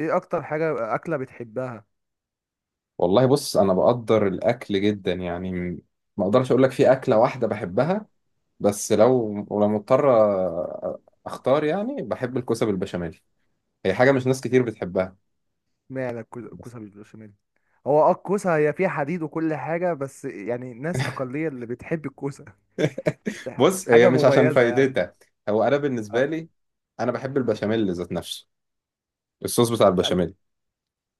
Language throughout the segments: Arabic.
ايه اكتر حاجة اكلة بتحبها؟ والله، بص. انا بقدر الاكل جدا، يعني ما اقدرش اقول لك في اكله واحده بحبها. بس ولو مضطر أ- اختار، يعني بحب الكوسه بالبشاميل. هي حاجه مش ناس كتير بتحبها. معنى بس الكوسة بالبشاميل؟ هو الكوسة هي فيها حديد وكل حاجة، بس يعني ناس أقلية اللي بتحب الكوسة. بص، هي حاجة بص مش عشان مميزة يعني. فايدتها. هو انا بالنسبه انت، آه، لي، انا بحب عارف. البشاميل ذات نفسه، الصوص بتاع لا، البشاميل.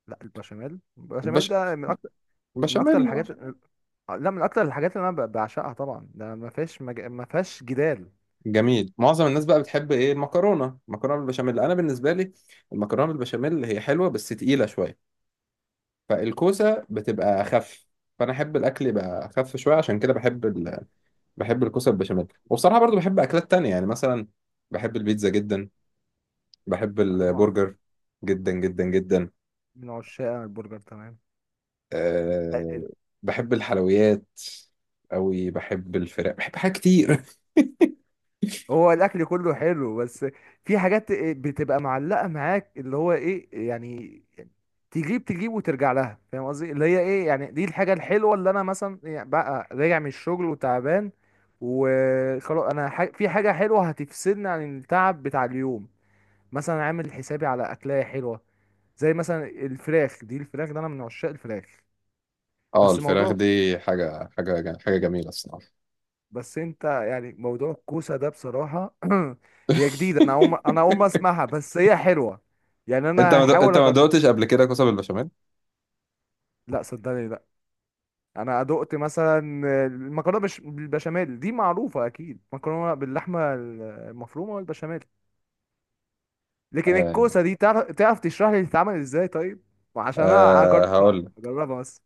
لا، البشاميل البش... ده من أكتر، من أكتر البشاميل. الحاجات، البشاميل. آه، لا، من أكتر الحاجات اللي أنا بعشقها طبعا، ده ما فيهاش جدال. جميل. معظم الناس بقى بتحب ايه؟ المكرونه بالبشاميل. انا بالنسبه لي المكرونه بالبشاميل هي حلوه بس تقيله شويه، فالكوسه بتبقى اخف، فانا احب الاكل يبقى اخف شويه، عشان كده بحب الكوسه بالبشاميل. وبصراحه برضو بحب اكلات تانية، يعني مثلا بحب البيتزا جدا، بحب آه، طبعا. البرجر جدا جدا جدا. من عشاق البرجر، تمام. أه... آه، بحب الحلويات قوي، بحب الفراخ، بحب حاجات كتير. هو الاكل كله حلو، بس في حاجات بتبقى معلقه معاك، اللي هو ايه يعني، تجيب وترجع لها، فاهم قصدي؟ اللي هي ايه يعني، دي الحاجه الحلوه، اللي انا مثلا يعني بقى راجع من الشغل وتعبان، وخلاص، انا في حاجه حلوه هتفصلني عن التعب بتاع اليوم. مثلا عامل حسابي على اكلايه حلوه، زي مثلا الفراخ، دي الفراخ ده انا من عشاق الفراخ. اه، بس الفراخ موضوع، دي حاجه حاجه حاجه جميله الصراحه. بس انت يعني موضوع الكوسه ده، بصراحه، هي جديده، انا اقوم اسمعها، بس هي حلوه. يعني انا هحاول انت ما أجرب. دقتش قبل كده كوسه بالبشاميل؟ لا، صدقني، لا. انا دقت مثلا المكرونه بالبشاميل دي معروفه، اكيد مكرونه باللحمه المفرومه والبشاميل. لكن أه... الكوسه دي، تعرف تشرح لي بتتعمل ازاي، طيب؟ عشان انا اجربها هقول، اجربها بس.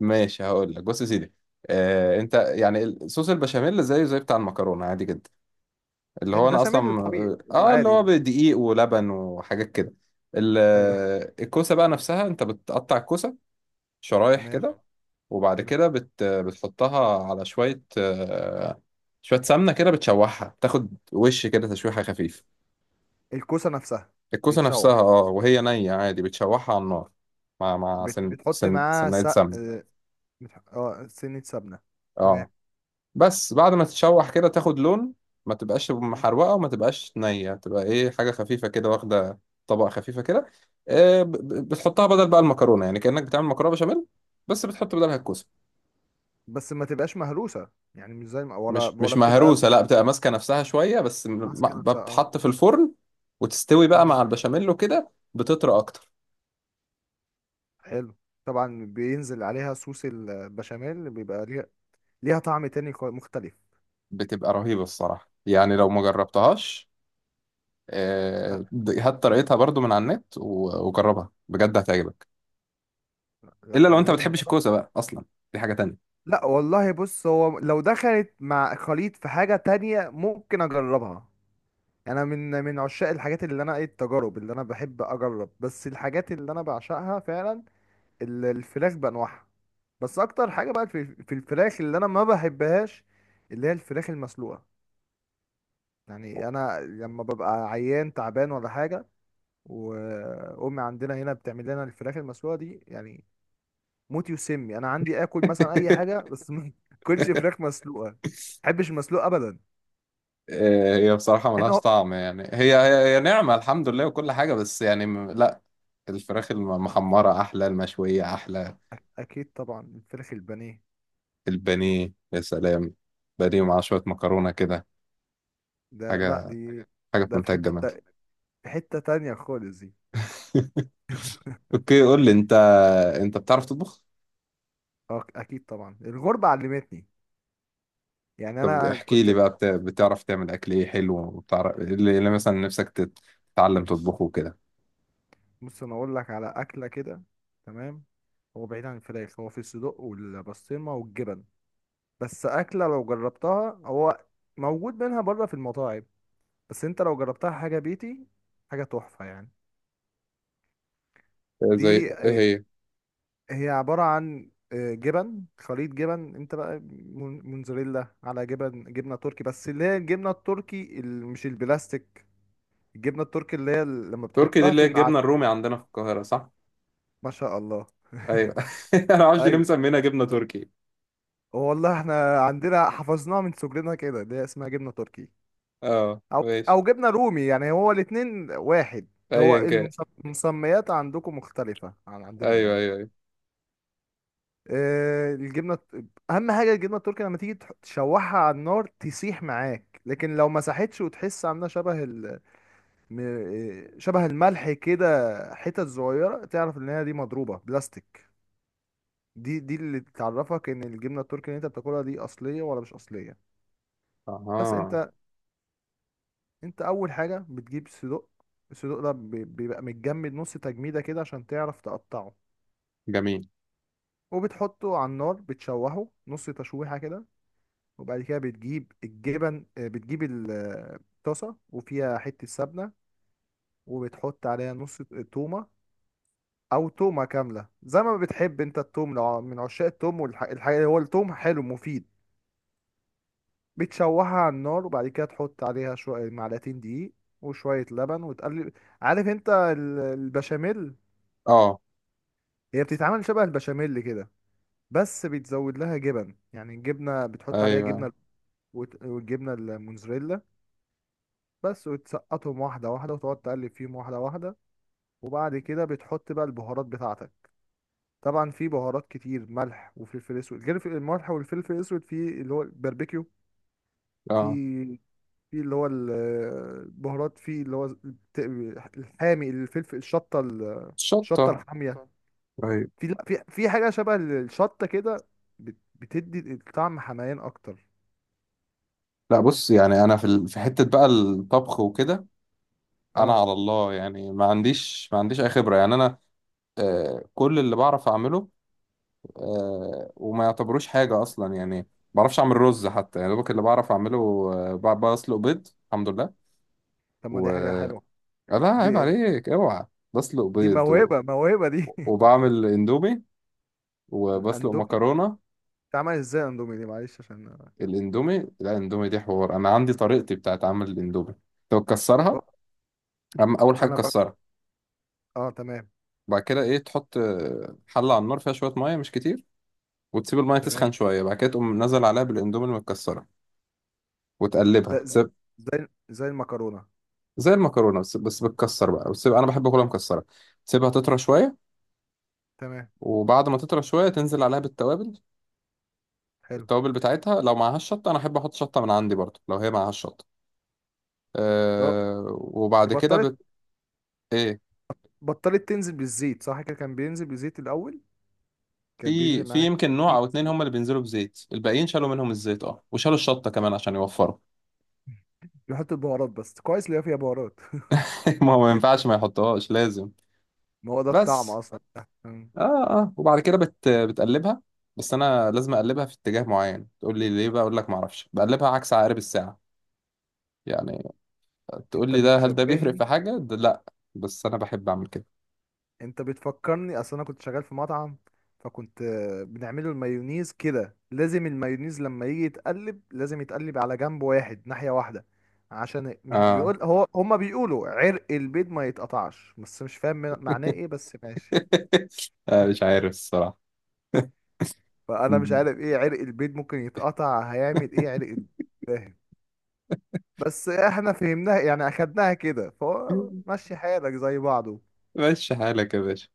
ماشي هقول لك، بص يا سيدي. آه، انت يعني صوص البشاميل زيه زي بتاع المكرونه، عادي جدا، اللي هو انا اصلا. البشاميل الطبيعي اه، اللي العادي هو ده. بدقيق ولبن وحاجات كده. ايوه. الكوسه بقى نفسها، انت بتقطع الكوسه شرايح تمام. كده، وبعد حلو. كده بتحطها على شويه، شويه سمنه كده، بتشوحها، تاخد وش كده، تشويحه خفيف. الكوسه نفسها؟ الكوسه نفسها، تتشوح؟ اه، وهي نيه عادي بتشوحها على النار، مع سن بتحط سن معاها سنة سق، سمنه. اه، سنة سمنة. اه، تمام. بس بعد ما تتشوح كده تاخد لون، ما تبقاش مم. محروقة وما تبقاش نية، تبقى ايه، حاجة خفيفة كده واخدة طبقة خفيفة كده. بتحطها بدل بقى المكرونة، يعني كأنك بتعمل مكرونة بشاميل بس بتحط بدلها الكوسة. بس ما تبقاش مهروسة، يعني مش زي ما ولا مش ولا بتبقى مهروسة، لا، بتبقى ماسكة نفسها شوية، بس ماسكة نفسها، اه. بتتحط في الفرن وتستوي بقى مم. مع البشاميل، وكده بتطرى أكتر. حلو. طبعا بينزل عليها صوص البشاميل، بيبقى ليها طعم تاني مختلف. بتبقى رهيبة الصراحة، يعني لو ما جربتهاش، لا. هات طريقتها برضو من على النت و- وجربها بجد، هتعجبك. الا لا، لو انا انت ما لازم بتحبش اجربها. الكوسه بقى اصلا، دي حاجه تانية. لا، والله بص، هو لو دخلت مع خليط في حاجة تانية ممكن اجربها. انا من عشاق الحاجات، اللي انا ايه، التجارب اللي انا بحب اجرب، بس الحاجات اللي انا بعشقها فعلا، الفراخ بانواعها. بس اكتر حاجه بقى في الفراخ اللي انا ما بحبهاش، اللي هي الفراخ المسلوقه. يعني انا لما ببقى عيان تعبان ولا حاجه، وامي عندنا هنا بتعمل لنا الفراخ المسلوقه دي، يعني موت يسمي، انا عندي اكل مثلا اي حاجه بس ما اكلش فراخ مسلوقه، ما بحبش المسلوق ابدا، مع هي بصراحه ملهاش انه. طعم، يعني هي نعمه الحمد لله وكل حاجه، بس يعني لا. الفراخ المحمره احلى، المشويه احلى. اكيد طبعا، الفراخ البانيه. البانيه يا سلام، بانيه مع شويه مكرونه كده، ده، لا حاجه دي، حاجه في ده في منتهى الجمال. في حته تانية خالص دي. اوكي، قول لي انت بتعرف تطبخ؟ اه، اكيد طبعا، الغربه علمتني، يعني طب انا احكي لي كنت. بقى، بتعرف تعمل اكل ايه حلو، وبتعرف إيه اللي مثلا نفسك تتعلم تطبخه كده؟ بص، انا اقول لك على اكله كده، تمام. هو بعيد عن الفراخ، هو في الصدق والبسطرمه والجبن، بس اكله لو جربتها، هو موجود منها بره في المطاعم، بس انت لو جربتها، حاجه بيتي، حاجه تحفه يعني. زي دي، ايه آه، هي؟ هي عباره عن جبن، خليط جبن، انت بقى موتزاريلا على جبن، جبنه تركي، بس اللي هي الجبنه التركي، مش البلاستيك. الجبنه التركي، اللي هي لما تركي دي بتحطها اللي في هي الع-. الجبنه الرومي عندنا في القاهره، صح؟ ما شاء الله. ايوه. انا معرفش ليه ايوه. مسمينها جبنه تركي. والله احنا عندنا حفظناها من صغرنا كده، اللي هي اسمها جبنه تركي، اه، او، ماشي. او جبنه رومي، يعني هو الاتنين واحد. هو ايا كان. المس-، المسميات عندكم مختلفه عن عندنا ايوه، يعني. ايوه، ايوه. الجبنه اهم حاجه الجبنه التركي لما تيجي تشوحها على النار تسيح معاك، لكن لو مسحتش وتحس عامله شبه ال... م- شبه الملح كده، حتت صغيره، تعرف ان هي دي مضروبه بلاستيك. دي اللي تعرفك ان الجبنه التركي اللي انت بتاكلها دي، اصليه ولا مش اصليه. بس اها. انت اول حاجه بتجيب صدوق. الصدوق ده بيبقى متجمد نص تجميده كده، عشان تعرف تقطعه. جميل. وبتحطه على النار، بتشوحه نص تشويحه كده. وبعد كده بتجيب الجبن، بتجيب الطاسه وفيها حته سمنه، وبتحط عليها نص تومه، او تومه كامله زي ما بتحب انت التوم، لو من عشاق التوم والحاجه، هو التوم حلو مفيد. بتشوحها على النار، وبعد كده تحط عليها شويه، معلقتين دقيق وشويه لبن، وتقلب. عارف انت البشاميل؟ اه. هي بتتعمل شبه البشاميل كده، بس بيتزود لها جبن، يعني الجبنة، بتحط عليها ايوه. جبنة، والجبنة الموزاريلا بس، وتسقطهم واحدة واحدة، وتقعد تقلب فيهم واحدة واحدة. وبعد كده بتحط بقى البهارات بتاعتك. طبعا في بهارات كتير، ملح وفلفل اسود، غير الملح والفلفل الاسود، في اللي هو الباربيكيو، في اه. في اللي هو البهارات، في اللي هو الحامي، الفلفل، الشطة شطه. الشطة الحامية. ايوه. في، لا، في حاجه شبه الشطه كده، بتدي الطعم حمايان اكتر. لا، بص، يعني انا في في حته بقى الطبخ وكده، انا اه، على الله، يعني ما عنديش اي خبره، يعني انا كل اللي بعرف اعمله وما يعتبروش حاجه اصلا، يعني ما بعرفش اعمل رز حتى، يعني دوبك اللي بعرف اعمله بسلق بيض الحمد لله. طب ما و دي حاجه حلوه، لا عيب دي عليك، اوعى. بسلق دي بيض، موهبه موهبه دي. وبعمل اندومي، وبسلق الاندومي، مكرونة. اتعمل ازاي الاندومي دي؟ معلش، عشان الاندومي، لا الاندومي دي حوار، انا عندي طريقتي بتاعت عمل الاندومي. لو تكسرها، اول حاجة انا ب... تكسرها. اه، تمام، بعد كده ايه، تحط حلة على النار فيها شوية مية مش كتير، وتسيب المية تمام، تسخن شوية، بعد كده تقوم نزل عليها بالاندومي المتكسرة، ده وتقلبها، تسيب، زي المكرونه. زي المكرونة، بس بتكسر بقى، وتسيب، انا بحب اكلها مكسرة. تسيبها تطرى شوية، تمام. وبعد ما تطرى شوية تنزل عليها بالتوابل. حلو. التوابل بتاعتها لو معهاش شطة، انا احب احط شطة من عندي برضه لو هي معهاش شطة. اه، وبعد كده بطلت ايه، بطلت تنزل بالزيت، صح كده؟ كان بينزل بالزيت الاول، كان بينزل في معاك يمكن نوع او اتنين كتير. هم اللي بينزلوا بزيت، الباقيين شالوا منهم الزيت، اه، وشالوا الشطه كمان عشان يوفروا. بيحط البهارات بس، كويس اللي هي فيها بهارات. ما هو ما ينفعش ما يحطوهاش، لازم. ما هو ده الطعم بس، اصلا. مم. اه، اه، وبعد كده بتقلبها. بس انا لازم اقلبها في اتجاه معين، تقول لي ليه بقى؟ اقول لك ما اعرفش، بقلبها عكس عقارب الساعه يعني. تقول انت لي هل ده بيفرق بتشبهني، في حاجه؟ ده لا، بس انا بحب اعمل كده. انت بتفكرني، اصل انا كنت شغال في مطعم، فكنت بنعمله المايونيز كده، لازم المايونيز لما يجي يتقلب لازم يتقلب على جنب واحد، ناحية واحدة، عشان مش اه. بيقول هو، هما بيقولوا عرق البيض ما يتقطعش، بس مش فاهم معناه ايه، بس ماشي. مش عارف الصراحه. فانا مش عارف ايه عرق البيض، ممكن يتقطع هيعمل ايه عرق البيض؟ فاهم؟ بس احنا فهمناها يعني، اخدناها كده، فهو مشي حالك زي بعضه. ماشي حالك يا باشا.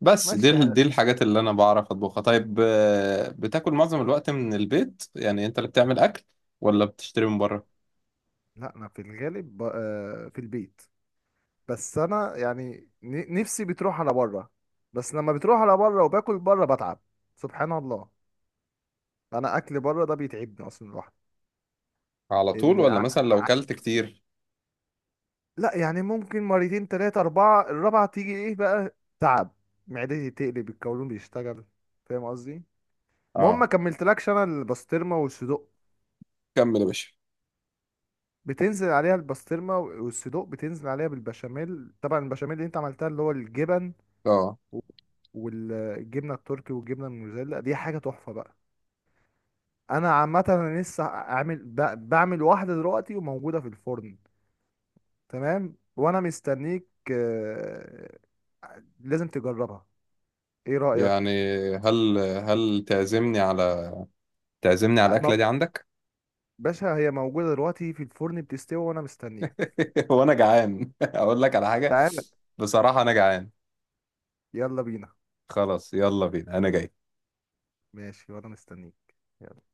بس دي مشي حالك. الحاجات اللي انا بعرف اطبخها. طيب، بتاكل معظم الوقت من البيت، يعني انت اللي بتعمل اكل، ولا بتشتري من بره؟ لا، انا في الغالب في البيت، بس انا يعني نفسي بتروح على بره، بس لما بتروح على بره وباكل بره، بتعب. سبحان الله، انا اكل بره ده بيتعبني اصلا، الواحد على طول؟ ال... ولا ع... مثلا لو ع... كلت كتير؟ لا، يعني ممكن مرتين، تلاتة، اربعة، الرابعة تيجي ايه بقى، تعب، معدتي تقلب، القولون بيشتغل، فاهم قصدي؟ المهم ما اه، كملتلكش انا البسطرمة والصدوق، كمل يا باشا. بتنزل عليها البسطرمة والصدوق، بتنزل عليها بالبشاميل، طبعا البشاميل اللي انت عملتها، اللي هو الجبن، اه، و- والجبنه التركي والجبنه الموزاريلا، دي حاجه تحفه بقى. انا عامه، انا لسه اعمل بعمل واحده دلوقتي وموجوده في الفرن، تمام، وانا مستنيك، آه، لازم تجربها. ايه يعني رايك؟ هل تعزمني على آه، الاكله دي عندك؟ باشا، هي موجوده دلوقتي في الفرن بتستوي، وانا مستنيك. وانا جعان. اقول لك على حاجه، تعال. بصراحه انا جعان. يلا بينا. خلاص يلا بينا، انا جاي. ماشي، وانا مستنيك. يلا.